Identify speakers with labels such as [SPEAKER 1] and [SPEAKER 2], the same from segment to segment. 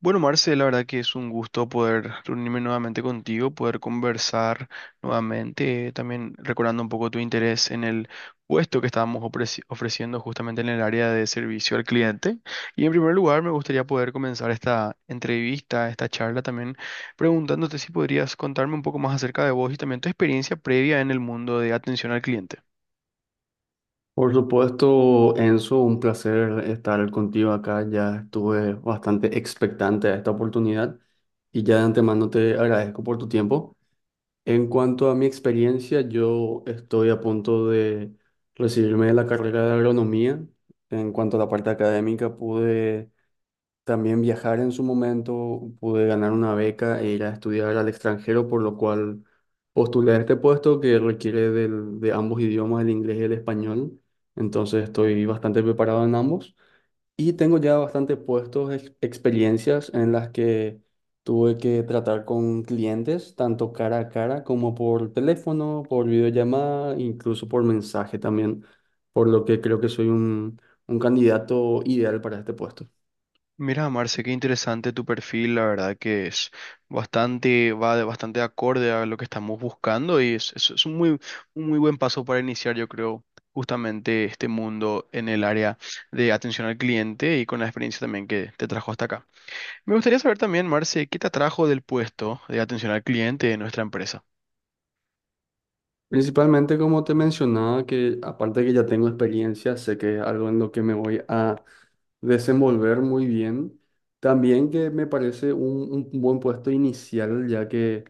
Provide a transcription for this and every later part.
[SPEAKER 1] Bueno, Marce, la verdad que es un gusto poder reunirme nuevamente contigo, poder conversar nuevamente, también recordando un poco tu interés en el puesto que estábamos ofreciendo justamente en el área de servicio al cliente. Y en primer lugar, me gustaría poder comenzar esta entrevista, esta charla también, preguntándote si podrías contarme un poco más acerca de vos y también tu experiencia previa en el mundo de atención al cliente.
[SPEAKER 2] Por supuesto, Enzo, un placer estar contigo acá. Ya estuve bastante expectante a esta oportunidad y ya de antemano te agradezco por tu tiempo. En cuanto a mi experiencia, yo estoy a punto de recibirme de la carrera de agronomía. En cuanto a la parte académica, pude también viajar en su momento, pude ganar una beca e ir a estudiar al extranjero, por lo cual postulé a este puesto que requiere de ambos idiomas, el inglés y el español. Entonces estoy bastante preparado en ambos y tengo ya bastantes puestos, experiencias en las que tuve que tratar con clientes, tanto cara a cara como por teléfono, por videollamada, incluso por mensaje también, por lo que creo que soy un candidato ideal para este puesto.
[SPEAKER 1] Mira, Marce, qué interesante tu perfil, la verdad que es bastante, bastante acorde a lo que estamos buscando y es un un muy buen paso para iniciar, yo creo, justamente este mundo en el área de atención al cliente y con la experiencia también que te trajo hasta acá. Me gustaría saber también, Marce, ¿qué te atrajo del puesto de atención al cliente de nuestra empresa?
[SPEAKER 2] Principalmente, como te mencionaba, que aparte de que ya tengo experiencia, sé que es algo en lo que me voy a desenvolver muy bien. También que me parece un buen puesto inicial, ya que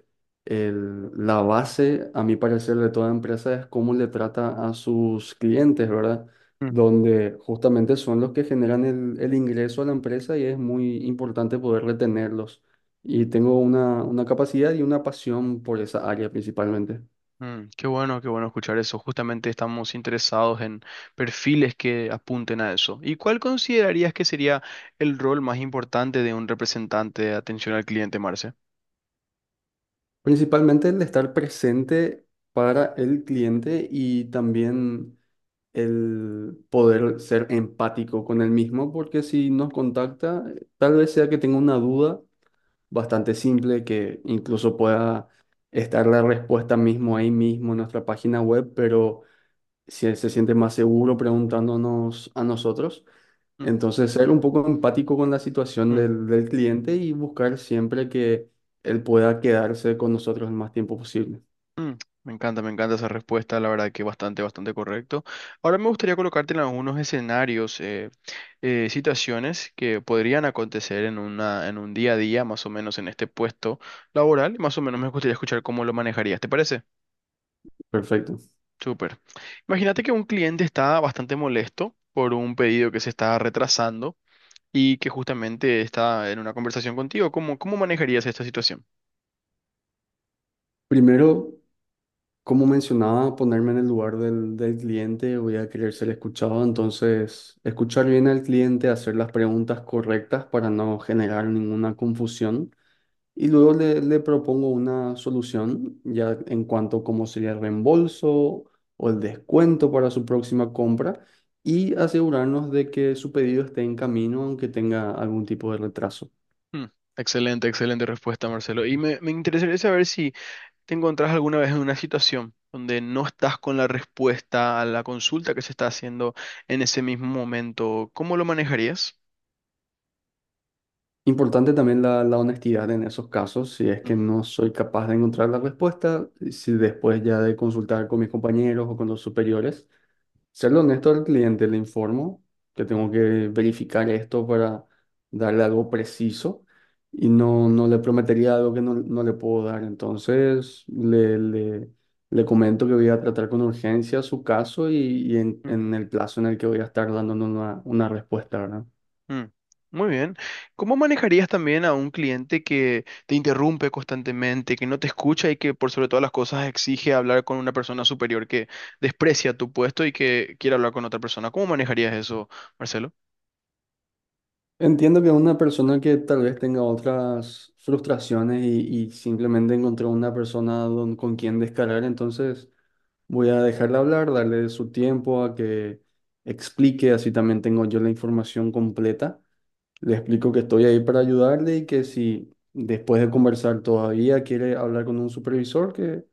[SPEAKER 2] la base, a mi parecer, de toda empresa es cómo le trata a sus clientes, ¿verdad?
[SPEAKER 1] Mm.
[SPEAKER 2] Donde justamente son los que generan el ingreso a la empresa y es muy importante poder retenerlos. Y tengo una capacidad y una pasión por esa área principalmente.
[SPEAKER 1] Mm, qué bueno escuchar eso. Justamente estamos interesados en perfiles que apunten a eso. ¿Y cuál considerarías que sería el rol más importante de un representante de atención al cliente, Marce?
[SPEAKER 2] Principalmente el estar presente para el cliente y también el poder ser empático con el mismo, porque si nos contacta, tal vez sea que tenga una duda bastante simple, que incluso pueda estar la respuesta mismo ahí mismo en nuestra página web, pero si él se siente más seguro preguntándonos a nosotros.
[SPEAKER 1] Mm,
[SPEAKER 2] Entonces, ser un poco empático con la situación
[SPEAKER 1] mm,
[SPEAKER 2] del cliente y buscar siempre que él pueda quedarse con nosotros el más tiempo posible.
[SPEAKER 1] mm. Me encanta esa respuesta, la verdad que bastante, bastante correcto. Ahora me gustaría colocarte en algunos escenarios, situaciones que podrían acontecer en una, en un día a día, más o menos en este puesto laboral. Más o menos me gustaría escuchar cómo lo manejarías, ¿te parece?
[SPEAKER 2] Perfecto.
[SPEAKER 1] Súper. Imagínate que un cliente está bastante molesto por un pedido que se está retrasando y que justamente está en una conversación contigo. Cómo manejarías esta situación?
[SPEAKER 2] Primero, como mencionaba, ponerme en el lugar del cliente, voy a querer ser escuchado, entonces escuchar bien al cliente, hacer las preguntas correctas para no generar ninguna confusión. Y luego le propongo una solución ya en cuanto a cómo sería el reembolso o el descuento para su próxima compra y asegurarnos de que su pedido esté en camino aunque tenga algún tipo de retraso.
[SPEAKER 1] Hmm. Excelente, excelente respuesta, Marcelo. Y me interesaría saber si te encontrás alguna vez en una situación donde no estás con la respuesta a la consulta que se está haciendo en ese mismo momento. ¿Cómo lo manejarías?
[SPEAKER 2] Importante también la honestidad en esos casos, si es que no soy capaz de encontrar la respuesta, si después ya de consultar con mis compañeros o con los superiores. Serle honesto al cliente, le informo que tengo que verificar esto para darle algo preciso y no, no le prometería algo que no, no le puedo dar. Entonces, le comento que voy a tratar con urgencia su caso y
[SPEAKER 1] Mm.
[SPEAKER 2] en el plazo en el que voy a estar dando una respuesta, ¿verdad?
[SPEAKER 1] Mm. Muy bien. ¿Cómo manejarías también a un cliente que te interrumpe constantemente, que no te escucha y que por sobre todas las cosas exige hablar con una persona superior que desprecia tu puesto y que quiere hablar con otra persona? ¿Cómo manejarías eso, Marcelo?
[SPEAKER 2] Entiendo que una persona que tal vez tenga otras frustraciones y simplemente encontró una persona con quien descargar, entonces voy a dejarle hablar, darle su tiempo a que explique, así también tengo yo la información completa. Le explico que estoy ahí para ayudarle y que si después de conversar todavía quiere hablar con un supervisor, que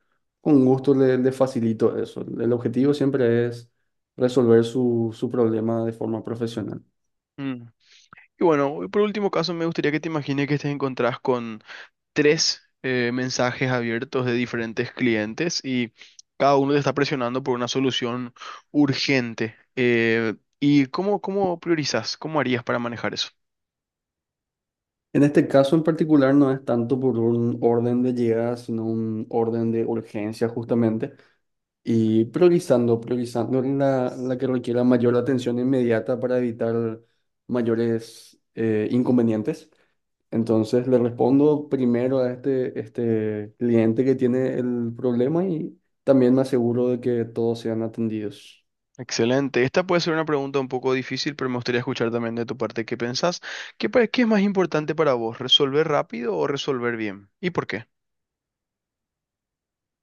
[SPEAKER 2] con gusto le facilito eso. El objetivo siempre es resolver su problema de forma profesional.
[SPEAKER 1] Mm. Y bueno, y por último caso, me gustaría que te imagines que te encontrás con tres mensajes abiertos de diferentes clientes y cada uno te está presionando por una solución urgente. ¿Y cómo priorizas? ¿Cómo harías para manejar eso?
[SPEAKER 2] En este caso en particular no es tanto por un orden de llegada, sino un orden de urgencia justamente, y priorizando la que requiera mayor atención inmediata para evitar mayores inconvenientes. Entonces le respondo primero a este cliente que tiene el problema y también me aseguro de que todos sean atendidos.
[SPEAKER 1] Excelente. Esta puede ser una pregunta un poco difícil, pero me gustaría escuchar también de tu parte qué pensás. ¿Qué, qué es más importante para vos, resolver rápido o resolver bien? ¿Y por qué?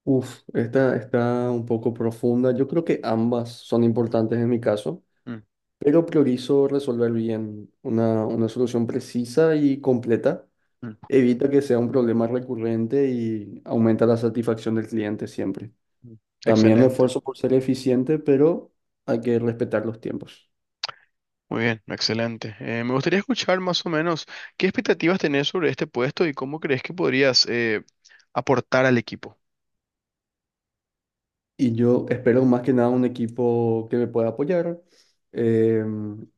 [SPEAKER 2] Uf, esta está un poco profunda. Yo creo que ambas son importantes en mi caso,
[SPEAKER 1] Mm,
[SPEAKER 2] pero priorizo resolver bien una solución precisa y completa.
[SPEAKER 1] mm,
[SPEAKER 2] Evita que sea un problema recurrente y aumenta la satisfacción del cliente siempre.
[SPEAKER 1] mm.
[SPEAKER 2] También me
[SPEAKER 1] Excelente.
[SPEAKER 2] esfuerzo por ser eficiente, pero hay que respetar los tiempos.
[SPEAKER 1] Muy bien, excelente. Me gustaría escuchar más o menos qué expectativas tenés sobre este puesto y cómo crees que podrías aportar al equipo.
[SPEAKER 2] Y yo espero más que nada un equipo que me pueda apoyar, eh,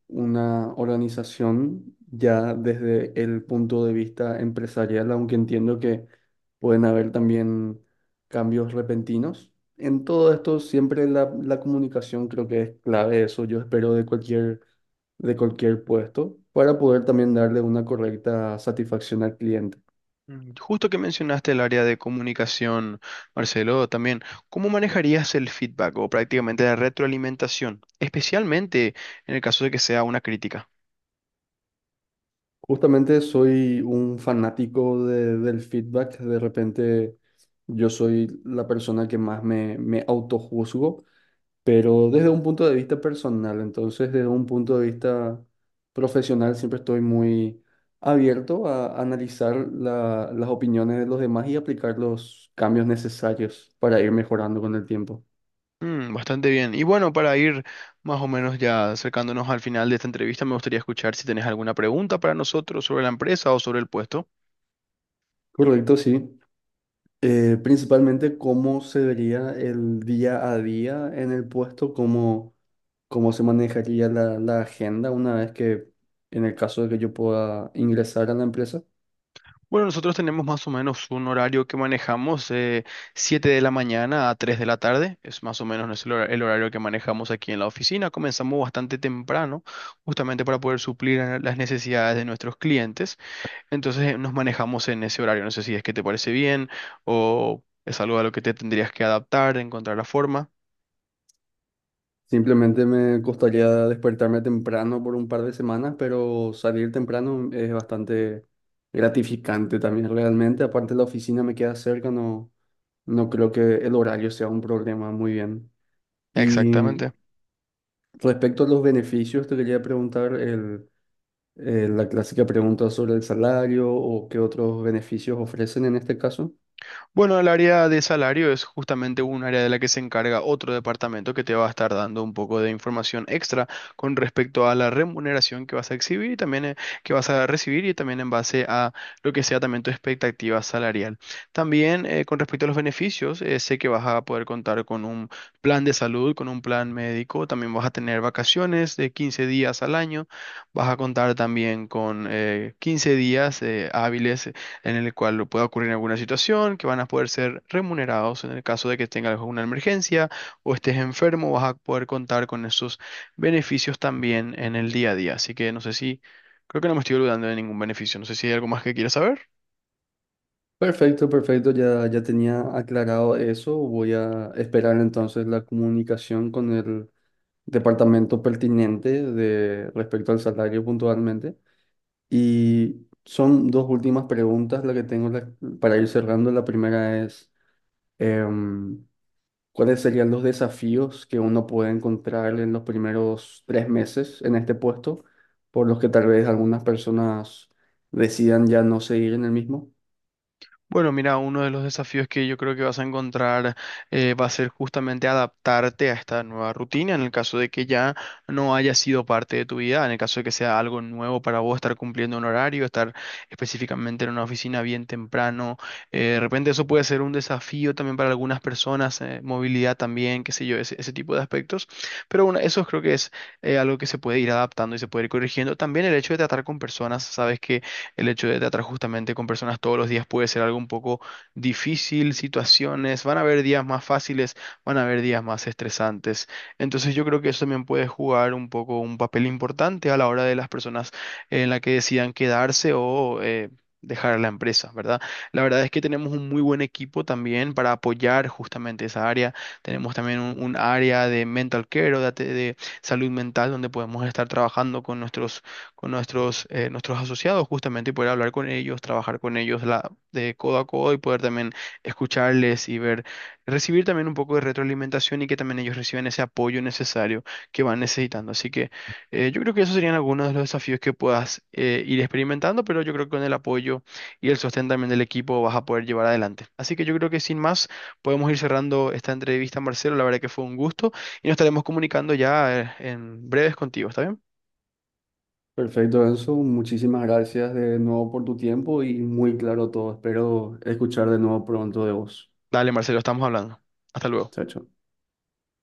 [SPEAKER 2] una organización ya desde el punto de vista empresarial, aunque entiendo que pueden haber también cambios repentinos. En todo esto siempre la comunicación creo que es clave, eso yo espero de cualquier puesto, para poder también darle una correcta satisfacción al cliente.
[SPEAKER 1] Mm. Justo que mencionaste el área de comunicación, Marcelo, también, ¿cómo manejarías el feedback o prácticamente la retroalimentación, especialmente en el caso de que sea una crítica?
[SPEAKER 2] Justamente soy un fanático del feedback. De repente yo soy la persona que más me autojuzgo, pero desde un punto de vista personal. Entonces, desde un punto de vista profesional, siempre estoy muy abierto a analizar las opiniones de los demás y aplicar los cambios necesarios para ir mejorando con el tiempo.
[SPEAKER 1] Mm, bastante bien. Y bueno, para ir más o menos ya acercándonos al final de esta entrevista, me gustaría escuchar si tenés alguna pregunta para nosotros sobre la empresa o sobre el puesto.
[SPEAKER 2] Correcto, sí. Principalmente cómo se vería el día a día en el puesto, como cómo se manejaría la agenda una vez que, en el caso de que yo pueda ingresar a la empresa.
[SPEAKER 1] Bueno, nosotros tenemos más o menos un horario que manejamos, 7 de la mañana a 3 de la tarde. Es más o menos nuestro el horario que manejamos aquí en la oficina. Comenzamos bastante temprano, justamente para poder suplir las necesidades de nuestros clientes. Entonces, nos manejamos en ese horario. No sé si es que te parece bien o es algo a lo que te tendrías que adaptar, encontrar la forma.
[SPEAKER 2] Simplemente me costaría despertarme temprano por un par de semanas, pero salir temprano es bastante gratificante también realmente. Aparte la oficina me queda cerca, no, no creo que el horario sea un problema. Muy bien. Y
[SPEAKER 1] Exactamente.
[SPEAKER 2] respecto a los beneficios, te quería preguntar la clásica pregunta sobre el salario o qué otros beneficios ofrecen en este caso.
[SPEAKER 1] Bueno, el área de salario es justamente un área de la que se encarga otro departamento que te va a estar dando un poco de información extra con respecto a la remuneración que vas a exhibir y también que vas a recibir y también en base a lo que sea también tu expectativa salarial. También con respecto a los beneficios, sé que vas a poder contar con un plan de salud, con un plan médico, también vas a tener vacaciones de 15 días al año, vas a contar también con 15 días hábiles en el cual pueda ocurrir alguna situación, que van a poder ser remunerados en el caso de que tengas alguna emergencia o estés enfermo, vas a poder contar con esos beneficios también en el día a día. Así que no sé si, creo que no me estoy olvidando de ningún beneficio. No sé si hay algo más que quieras saber.
[SPEAKER 2] Perfecto, perfecto, ya, ya tenía aclarado eso. Voy a esperar entonces la comunicación con el departamento pertinente de respecto al salario puntualmente. Y son dos últimas preguntas las que tengo para ir cerrando. La primera es, em, ¿cuáles serían los desafíos que uno puede encontrar en los primeros 3 meses en este puesto, por los que tal vez algunas personas decidan ya no seguir en el mismo?
[SPEAKER 1] Bueno, mira, uno de los desafíos que yo creo que vas a encontrar va a ser justamente adaptarte a esta nueva rutina en el caso de que ya no haya sido parte de tu vida, en el caso de que sea algo nuevo para vos estar cumpliendo un horario, estar específicamente en una oficina bien temprano. De repente eso puede ser un desafío también para algunas personas, movilidad también, qué sé yo, ese tipo de aspectos. Pero bueno, eso creo que es algo que se puede ir adaptando y se puede ir corrigiendo. También el hecho de tratar con personas, sabes que el hecho de tratar justamente con personas todos los días puede ser algo un poco difícil, situaciones, van a haber días más fáciles, van a haber días más estresantes. Entonces yo creo que eso también puede jugar un poco un papel importante a la hora de las personas en la que decidan quedarse o... dejar la empresa, ¿verdad? La verdad es que tenemos un muy buen equipo también para apoyar justamente esa área. Tenemos también un área de mental care o de, de salud mental donde podemos estar trabajando con nuestros nuestros asociados justamente y poder hablar con ellos, trabajar con ellos de codo a codo y poder también escucharles y ver, recibir también un poco de retroalimentación y que también ellos reciban ese apoyo necesario que van necesitando. Así que yo creo que esos serían algunos de los desafíos que puedas ir experimentando, pero yo creo que con el apoyo y el sostén también del equipo vas a poder llevar adelante. Así que yo creo que sin más podemos ir cerrando esta entrevista, Marcelo. La verdad que fue un gusto y nos estaremos comunicando ya en breves contigo, ¿está bien?
[SPEAKER 2] Perfecto, Enzo. Muchísimas gracias de nuevo por tu tiempo y muy claro todo. Espero escuchar de nuevo pronto de vos.
[SPEAKER 1] Dale, Marcelo, estamos hablando. Hasta luego.
[SPEAKER 2] Chao, chao.